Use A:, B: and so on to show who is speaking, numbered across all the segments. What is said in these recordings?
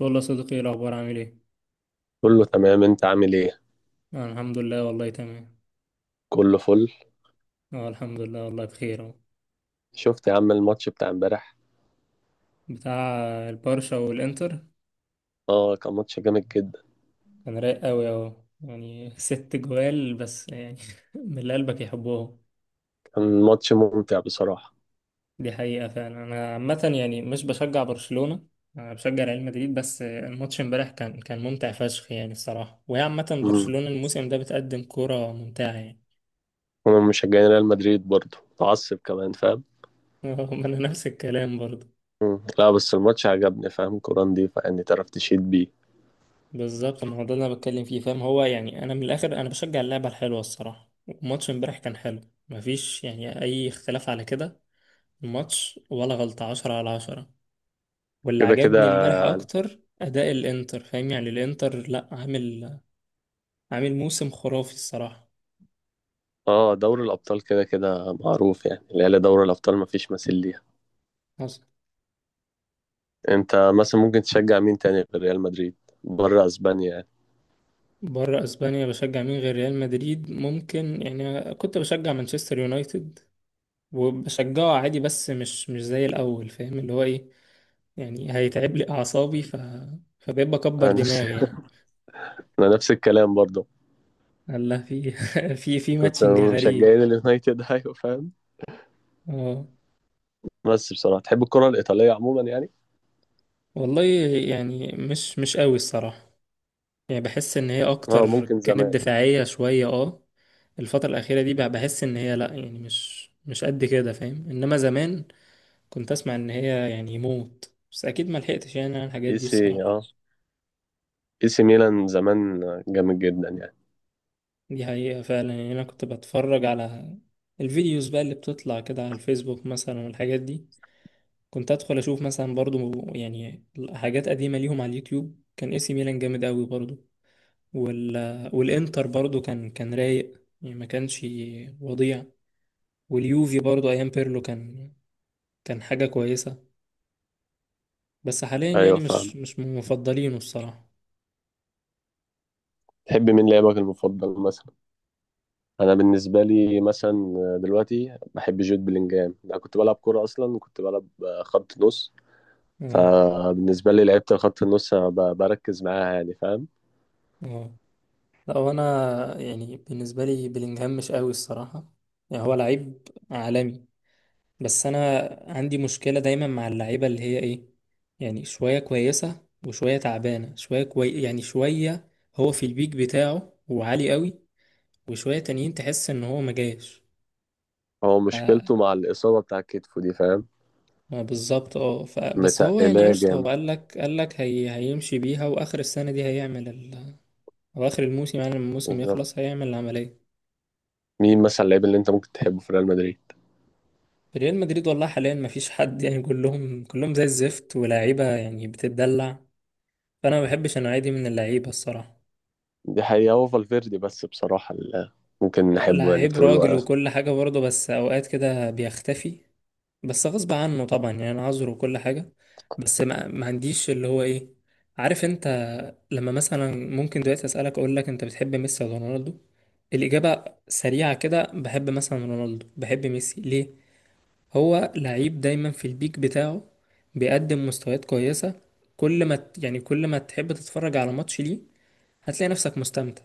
A: والله صديقي، ايه الاخبار؟ عامل ايه؟
B: كله تمام، انت عامل ايه؟
A: آه الحمد لله والله تمام.
B: كله فل.
A: اه الحمد لله والله بخير اهو.
B: شفت يا عم الماتش بتاع امبارح؟
A: بتاع البرشا والانتر.
B: اه، كان ماتش جامد جدا.
A: كان رايق قوي اهو يعني 6 جوال بس يعني من اللي قلبك يحبهم.
B: كان ماتش ممتع بصراحة.
A: دي حقيقة فعلا. انا عامة يعني مش بشجع برشلونة. انا بشجع ريال مدريد بس الماتش امبارح كان ممتع فشخ يعني الصراحة. وهي عامة
B: امم
A: برشلونة الموسم ده بتقدم كرة ممتعة يعني.
B: انا مشجعين ريال مدريد برضه متعصب كمان، فاهم؟
A: ما انا نفس الكلام برضه.
B: لا بس الماتش عجبني، فاهم؟ كورة نضيفة يعني، تعرف تشيد بيه.
A: بالظبط، ما هو ده اللي انا بتكلم فيه فاهم. هو يعني انا من الاخر انا بشجع اللعبه الحلوه الصراحه. وماتش امبارح كان حلو. مفيش يعني اي اختلاف على كده. الماتش ولا غلطه، 10/10. واللي
B: كده
A: عجبني
B: كده.
A: امبارح اكتر اداء الانتر فاهم. يعني الانتر لا عامل عامل موسم خرافي الصراحه.
B: اه دوري الابطال كده كده معروف يعني، العيال دوري الابطال مفيش مثيل ليها.
A: حصل.
B: انت مثلا ممكن تشجع مين تاني غير ريال مدريد؟ بره اسبانيا يعني.
A: بره اسبانيا بشجع مين غير ريال مدريد؟ ممكن يعني كنت بشجع مانشستر يونايتد وبشجعه عادي بس مش زي الاول فاهم، اللي هو ايه، يعني هيتعب لي أعصابي فبقيت بكبر
B: انا نفس
A: دماغي يعني.
B: انا نفس الكلام برضه.
A: الله في
B: كنت
A: ماتشنج غريب.
B: مشجعين اليونايتد ايوه فاهم.
A: اه
B: بس بصراحة تحب الكرة الإيطالية عموما يعني؟
A: والله يعني مش قوي الصراحة. يعني بحس إن هي
B: اه
A: أكتر
B: ممكن
A: كانت
B: زمان.
A: دفاعية شوية اه. الفترة الأخيرة دي بقى بحس إن هي لأ، يعني مش قد كده فاهم. إنما زمان كنت أسمع إن هي يعني موت، بس أكيد ما لحقتش يعني على الحاجات
B: اي
A: دي
B: سي
A: الصراحة.
B: اه اي سي ميلان زمان جامد جدا يعني.
A: دي حقيقة فعلا. يعني أنا كنت بتفرج على الفيديوز بقى اللي بتطلع كده على الفيسبوك مثلا والحاجات دي. كنت ادخل اشوف مثلا برضو يعني حاجات قديمه ليهم على اليوتيوب. كان اي سي ميلان جامد قوي برضو. وال... والانتر برضو كان رايق يعني، ما كانش وضيع. واليوفي برضو ايام بيرلو كان حاجه كويسه. بس حاليا
B: ايوه
A: يعني مش
B: فاهم.
A: مش من مفضلينه الصراحه.
B: تحب مين لاعبك المفضل مثلا؟ انا بالنسبة لي مثلا دلوقتي بحب جود بلينجهام. انا كنت بلعب كرة اصلا وكنت بلعب خط نص.
A: اه
B: فبالنسبة لي لعيبة الخط النص أنا بركز معاها يعني، فاهم؟
A: اه. لا، وانا يعني بالنسبه لي بلينجهام مش قوي الصراحه. يعني هو لعيب عالمي، بس انا عندي مشكلة دايما مع اللعيبة اللي هي ايه. يعني شوية كويسة وشوية تعبانة، شوية كوي يعني شوية. هو في البيك بتاعه وعالي قوي، وشوية تانيين تحس ان هو ما جاش
B: هو
A: ف-
B: مشكلته مع الإصابة بتاع كتفه دي، فاهم؟
A: ما بالظبط اه بس هو يعني
B: متقلاه
A: قشطة.
B: جامد.
A: هو قالك هيمشي بيها واخر السنة دي هيعمل او اخر الموسم. يعني لما الموسم
B: بالظبط.
A: يخلص هيعمل العملية.
B: مين مثلا اللعيب اللي انت ممكن تحبه في ريال مدريد؟
A: في ريال مدريد والله حاليا ما فيش حد يعني، كلهم زي الزفت، ولاعيبة يعني بتتدلع. فانا ما بحبش النوعية دي من اللعيبة الصراحة.
B: دي حقيقة، هو فالفيردي بس بصراحة اللي ممكن نحبه يعني في
A: لعيب
B: طول
A: راجل
B: الوقت.
A: وكل حاجة برضه، بس أوقات كده بيختفي، بس غصب عنه طبعا يعني، أنا عذره وكل حاجة. بس ما عنديش اللي هو إيه، عارف أنت. لما مثلا ممكن دلوقتي أسألك أقول لك أنت بتحب ميسي ولا رونالدو، الإجابة سريعة كده. بحب مثلا رونالدو، بحب ميسي ليه. هو لعيب دايما في البيك بتاعه، بيقدم مستويات كويسة. كل ما ت- يعني كل ما تحب تتفرج على ماتش ليه هتلاقي نفسك مستمتع.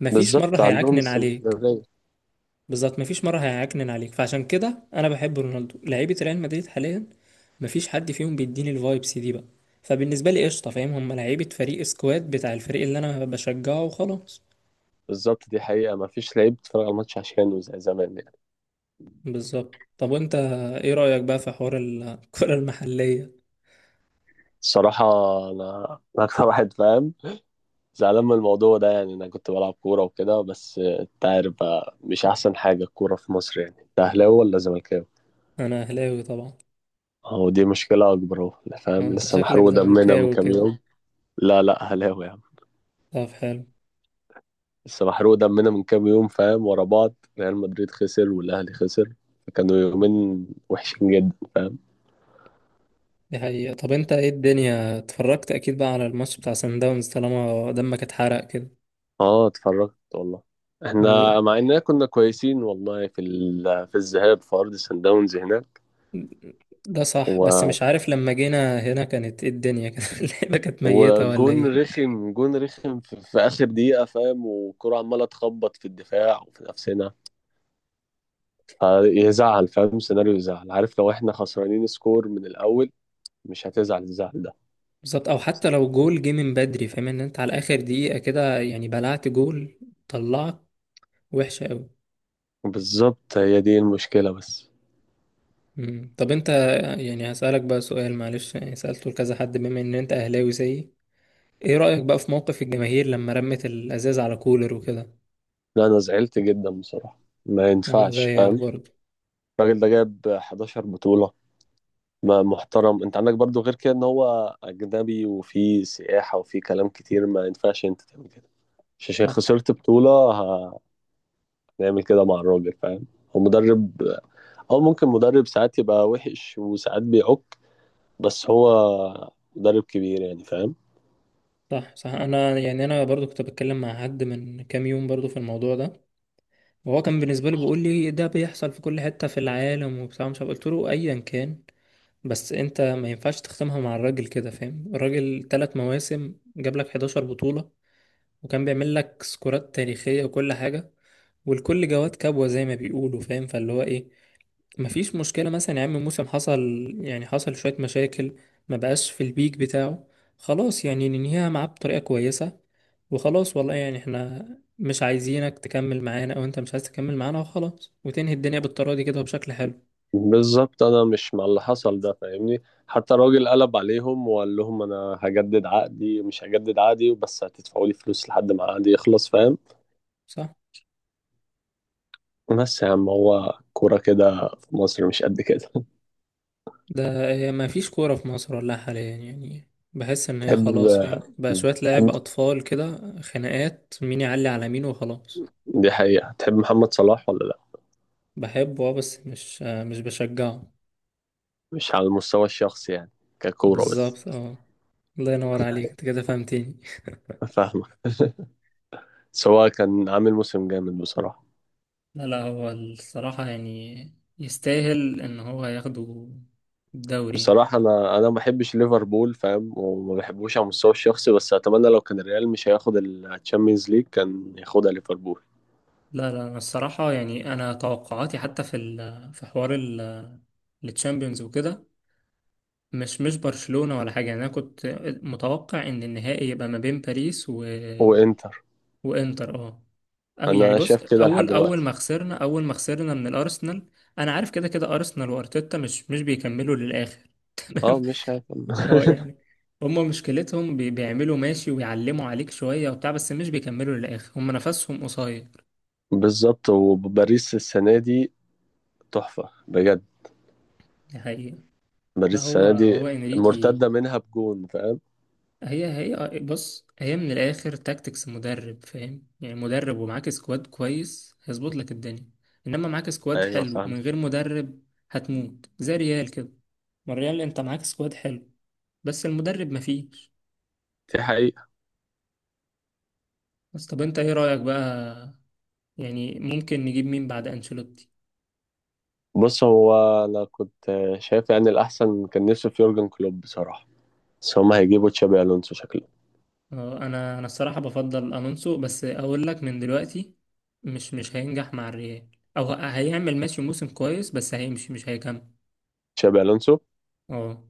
A: مفيش مرة
B: بالظبط، عندهم
A: هيعكنن عليك.
B: استمرارية.
A: بالظبط، مفيش مرة هيعكنن عليك. فعشان كده انا بحب رونالدو. لعيبة ريال مدريد حاليا مفيش حد فيهم بيديني الفايبس دي بقى. فبالنسبة لي قشطة فاهم، هم لعيبة فريق، سكواد بتاع الفريق اللي انا بشجعه وخلاص.
B: بالظبط، دي حقيقة، ما فيش لعيب بتتفرج على الماتش عشانه زي زمان يعني.
A: بالظبط. طب وانت ايه رأيك بقى في حوار الكرة المحلية؟
B: الصراحة أنا أنا أكتر واحد فاهم زعلان من الموضوع ده يعني. أنا كنت بلعب كورة وكده، بس أنت عارف بقى مش أحسن حاجة الكورة في مصر. يعني أنت أهلاوي ولا زملكاوي؟
A: انا اهلاوي طبعا.
B: أهو دي مشكلة أكبر، أهو
A: آه،
B: فاهم،
A: انت
B: لسه
A: شكلك
B: محروق دمنا من
A: زملكاوي
B: كام
A: كده.
B: يوم. لا لا، أهلاوي يا عم.
A: طب حلو.
B: لسه محروق دمنا من كام يوم، فاهم؟ ورا بعض ريال مدريد خسر والاهلي خسر، فكانوا يومين وحشين جدا.
A: دي حقيقة. طب انت ايه الدنيا، اتفرجت اكيد بقى على الماتش بتاع سان داونز طالما دمك اتحرق كده؟
B: اه اتفرجت والله. احنا مع اننا كنا كويسين والله في الذهاب في ارض سان داونز هناك
A: ده صح، بس
B: و...
A: مش عارف لما جينا هنا كانت ايه الدنيا كده اللعبة كانت ميتة ولا
B: وجون
A: ايه؟
B: رخم، جون رخم في اخر دقيقه، فاهم؟ والكره عماله تخبط في الدفاع وفي نفسنا، فيزعل، فاهم؟ سيناريو يزعل، عارف؟ لو احنا خسرانين سكور من الاول مش هتزعل الزعل ده.
A: بالظبط، او حتى لو جول جه من بدري فاهم، ان انت على اخر دقيقة كده يعني بلعت جول، طلعك وحشة قوي.
B: بالظبط هي دي المشكله بس.
A: طب انت يعني هسألك بقى سؤال معلش. يعني سألته لكذا حد، بما ان انت اهلاوي زيي، ايه رأيك بقى في موقف الجماهير لما رمت الازاز على كولر وكده؟
B: لا، انا زعلت جدا بصراحه. ما
A: انا
B: ينفعش،
A: زيك
B: فاهم؟
A: برضه.
B: الراجل ده جاب 11 بطوله. ما محترم، انت عندك برضو غير كده ان هو اجنبي وفي سياحه وفي كلام كتير. ما ينفعش انت تعمل كده. مش عشان
A: صح
B: خسرت بطوله هنعمل كده مع الراجل، فاهم؟ هو مدرب. هو ممكن مدرب ساعات يبقى وحش وساعات بيعك، بس هو مدرب كبير يعني، فاهم؟
A: صح صح. انا يعني انا برضو كنت بتكلم مع حد من كام يوم برضو في الموضوع ده، وهو كان بالنسبة لي بيقول لي ده بيحصل في كل حتة في العالم وبتاع، مش عارف. قلت له أيا كان، بس أنت ما ينفعش تختمها مع الراجل كده فاهم. الراجل 3 مواسم جاب لك 11 بطولة، وكان بيعمل لك سكورات تاريخية وكل حاجة. والكل جواد كبوة زي ما بيقولوا فاهم، فاللي هو إيه، مفيش مشكلة مثلا يا عم. موسم حصل، يعني حصل شوية مشاكل، ما بقاش في البيك بتاعه، خلاص يعني ننهيها معاه بطريقة كويسة. وخلاص والله، يعني احنا مش عايزينك تكمل معانا او انت مش عايز تكمل معانا وخلاص، وتنهي الدنيا بالطريقة دي كده وبشكل حلو.
B: بالظبط. انا مش مع اللي حصل ده، فاهمني؟ حتى الراجل قلب عليهم وقال لهم انا هجدد عقدي مش هجدد عقدي بس هتدفعوا لي فلوس لحد ما عقدي يخلص، فاهم؟
A: صح.
B: بس يا عم هو كورة كده في مصر مش قد كده.
A: ده هي مفيش كورة في مصر ولا حاليا يعني، بحس ان هي
B: تحب
A: خلاص فاهم، بقى شوية لعب
B: تحب-
A: اطفال كده، خناقات مين يعلي على مين وخلاص.
B: دي حقيقة، تحب محمد صلاح ولا لا؟
A: بحبه اه، بس مش مش بشجعه.
B: مش على المستوى الشخصي يعني، ككورة بس.
A: بالظبط اه. الله ينور عليك، انت كده فهمتني.
B: فاهمك. سواء كان عامل موسم جامد بصراحة.
A: لا لا، هو الصراحة يعني يستاهل ان هو ياخده الدوري يعني.
B: بصراحة أنا ما بحبش ليفربول، فاهم؟ وما بحبوش على المستوى الشخصي، بس أتمنى لو كان الريال مش هياخد الشامبيونز ليج كان ياخدها ليفربول.
A: لا لا، انا الصراحة يعني انا توقعاتي حتى في في حوار التشامبيونز وكده مش برشلونة ولا حاجة. يعني انا كنت متوقع ان النهائي يبقى ما بين باريس
B: وإنتر.
A: وانتر اه. او يعني
B: أنا
A: بص،
B: شايف كده لحد دلوقتي.
A: اول ما خسرنا من الارسنال. انا عارف كده كده ارسنال وارتيتا مش بيكملوا للاخر.
B: أه مش هيكمل
A: اه يعني، هم مشكلتهم بيعملوا ماشي ويعلموا عليك شوية وبتاع، بس مش بيكملوا للآخر. هم نفسهم قصير.
B: بالظبط، وباريس السنة دي تحفة بجد.
A: دي حقيقة. لا،
B: باريس
A: هو
B: السنة دي
A: هو انريكي.
B: مرتدة منها بجون، فاهم؟
A: هي بص هي من الآخر تاكتكس مدرب فاهم. يعني مدرب ومعاك سكواد كويس هيظبط لك الدنيا. انما معاك سكواد
B: أيوة
A: حلو
B: فاهم.
A: من غير مدرب هتموت زي ريال كده. ما الريال انت معاك سكواد حلو بس المدرب مفيش.
B: دي حقيقة.
A: بس طب انت ايه رأيك بقى؟ يعني ممكن نجيب مين بعد انشيلوتي؟
B: بص هو، أنا كنت شايف يعني الأحسن، كان نفسي في يورجن كلوب بصراحة، بس هما هيجيبوا تشابي ألونسو شكله.
A: اه، انا الصراحه بفضل الونسو، بس اقول لك من دلوقتي مش هينجح مع الريال. او هيعمل ماشي موسم كويس، بس هيمشي مش هيكمل.
B: تشابي ألونسو
A: اه.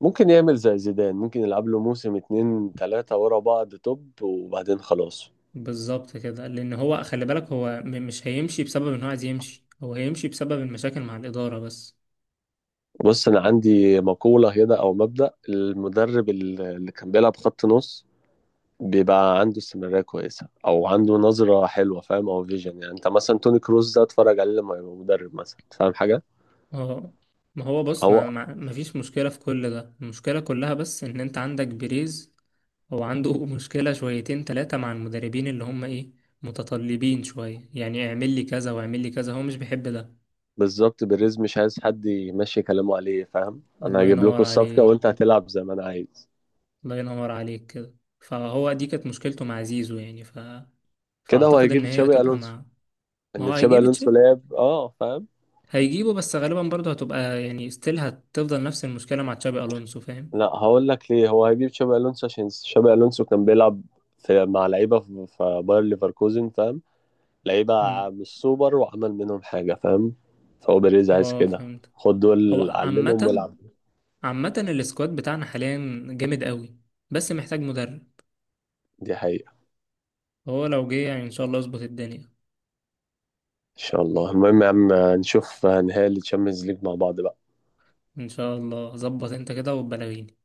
B: ممكن يعمل زي زيدان، ممكن يلعب له موسم اتنين تلاتة ورا بعض توب وبعدين خلاص.
A: بالظبط كده، لان هو خلي بالك هو مش هيمشي بسبب ان هو عايز يمشي، هو هيمشي بسبب المشاكل مع الاداره بس.
B: بص أنا عندي مقولة هنا أو مبدأ، المدرب اللي كان بيلعب خط نص بيبقى عنده استمرارية كويسة أو عنده نظرة حلوة، فاهم؟ أو فيجن يعني، أنت مثلا توني كروز ده اتفرج عليه لما يبقى مدرب مثلا، فاهم حاجة؟
A: اه. ما هو بص ما,
B: هو
A: ما, ما فيش مشكله في كل ده، المشكله كلها بس ان انت عندك بيريز. هو عنده مشكله شويتين ثلاثه مع المدربين اللي هم ايه، متطلبين شويه، يعني اعمل لي كذا واعمل لي كذا هو مش بيحب ده.
B: بالظبط، بيريز مش عايز حد يمشي كلامه عليه، فاهم؟ أنا
A: الله
B: هجيب
A: ينور
B: لكم الصفقة وأنت
A: عليك.
B: هتلعب زي ما أنا عايز.
A: الله ينور عليك كده. فهو دي كانت مشكلته مع زيزو يعني
B: كده هو
A: فأعتقد إن
B: هيجيب
A: هي
B: تشابي
A: هتبقى
B: ألونسو.
A: مع. ما
B: إن
A: هو
B: تشابي
A: هيجيب
B: ألونسو
A: تشابي،
B: لعب أه، فاهم؟
A: هيجيبه، بس غالبا برضه هتبقى يعني ستيل هتفضل نفس المشكلة مع تشابي ألونسو فاهم.
B: لا هقول لك ليه، هو هيجيب شابي الونسو عشان شابي الونسو كان بيلعب في مع لعيبه في في باير ليفركوزن، فاهم؟ لعيبه
A: امم.
B: مش سوبر وعمل منهم حاجه، فاهم؟ فهو بيريز عايز
A: اه
B: كده،
A: فهمت.
B: خد دول
A: هو
B: علمهم
A: عامة
B: والعب.
A: عامة السكواد بتاعنا حاليا جامد قوي، بس محتاج مدرب.
B: دي حقيقه.
A: هو لو جه يعني إن شاء الله اظبط الدنيا.
B: ان شاء الله، المهم يا عم نشوف نهائي الشامبيونز ليج مع بعض بقى.
A: إن شاء الله. ظبط أنت كده وبلغيني.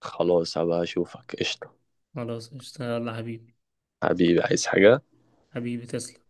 B: خلاص هبقى اشوفك، قشطه.
A: خلاص، اشتغل يلا حبيبي.
B: حبيبي عايز حاجه؟
A: حبيبي تسلم.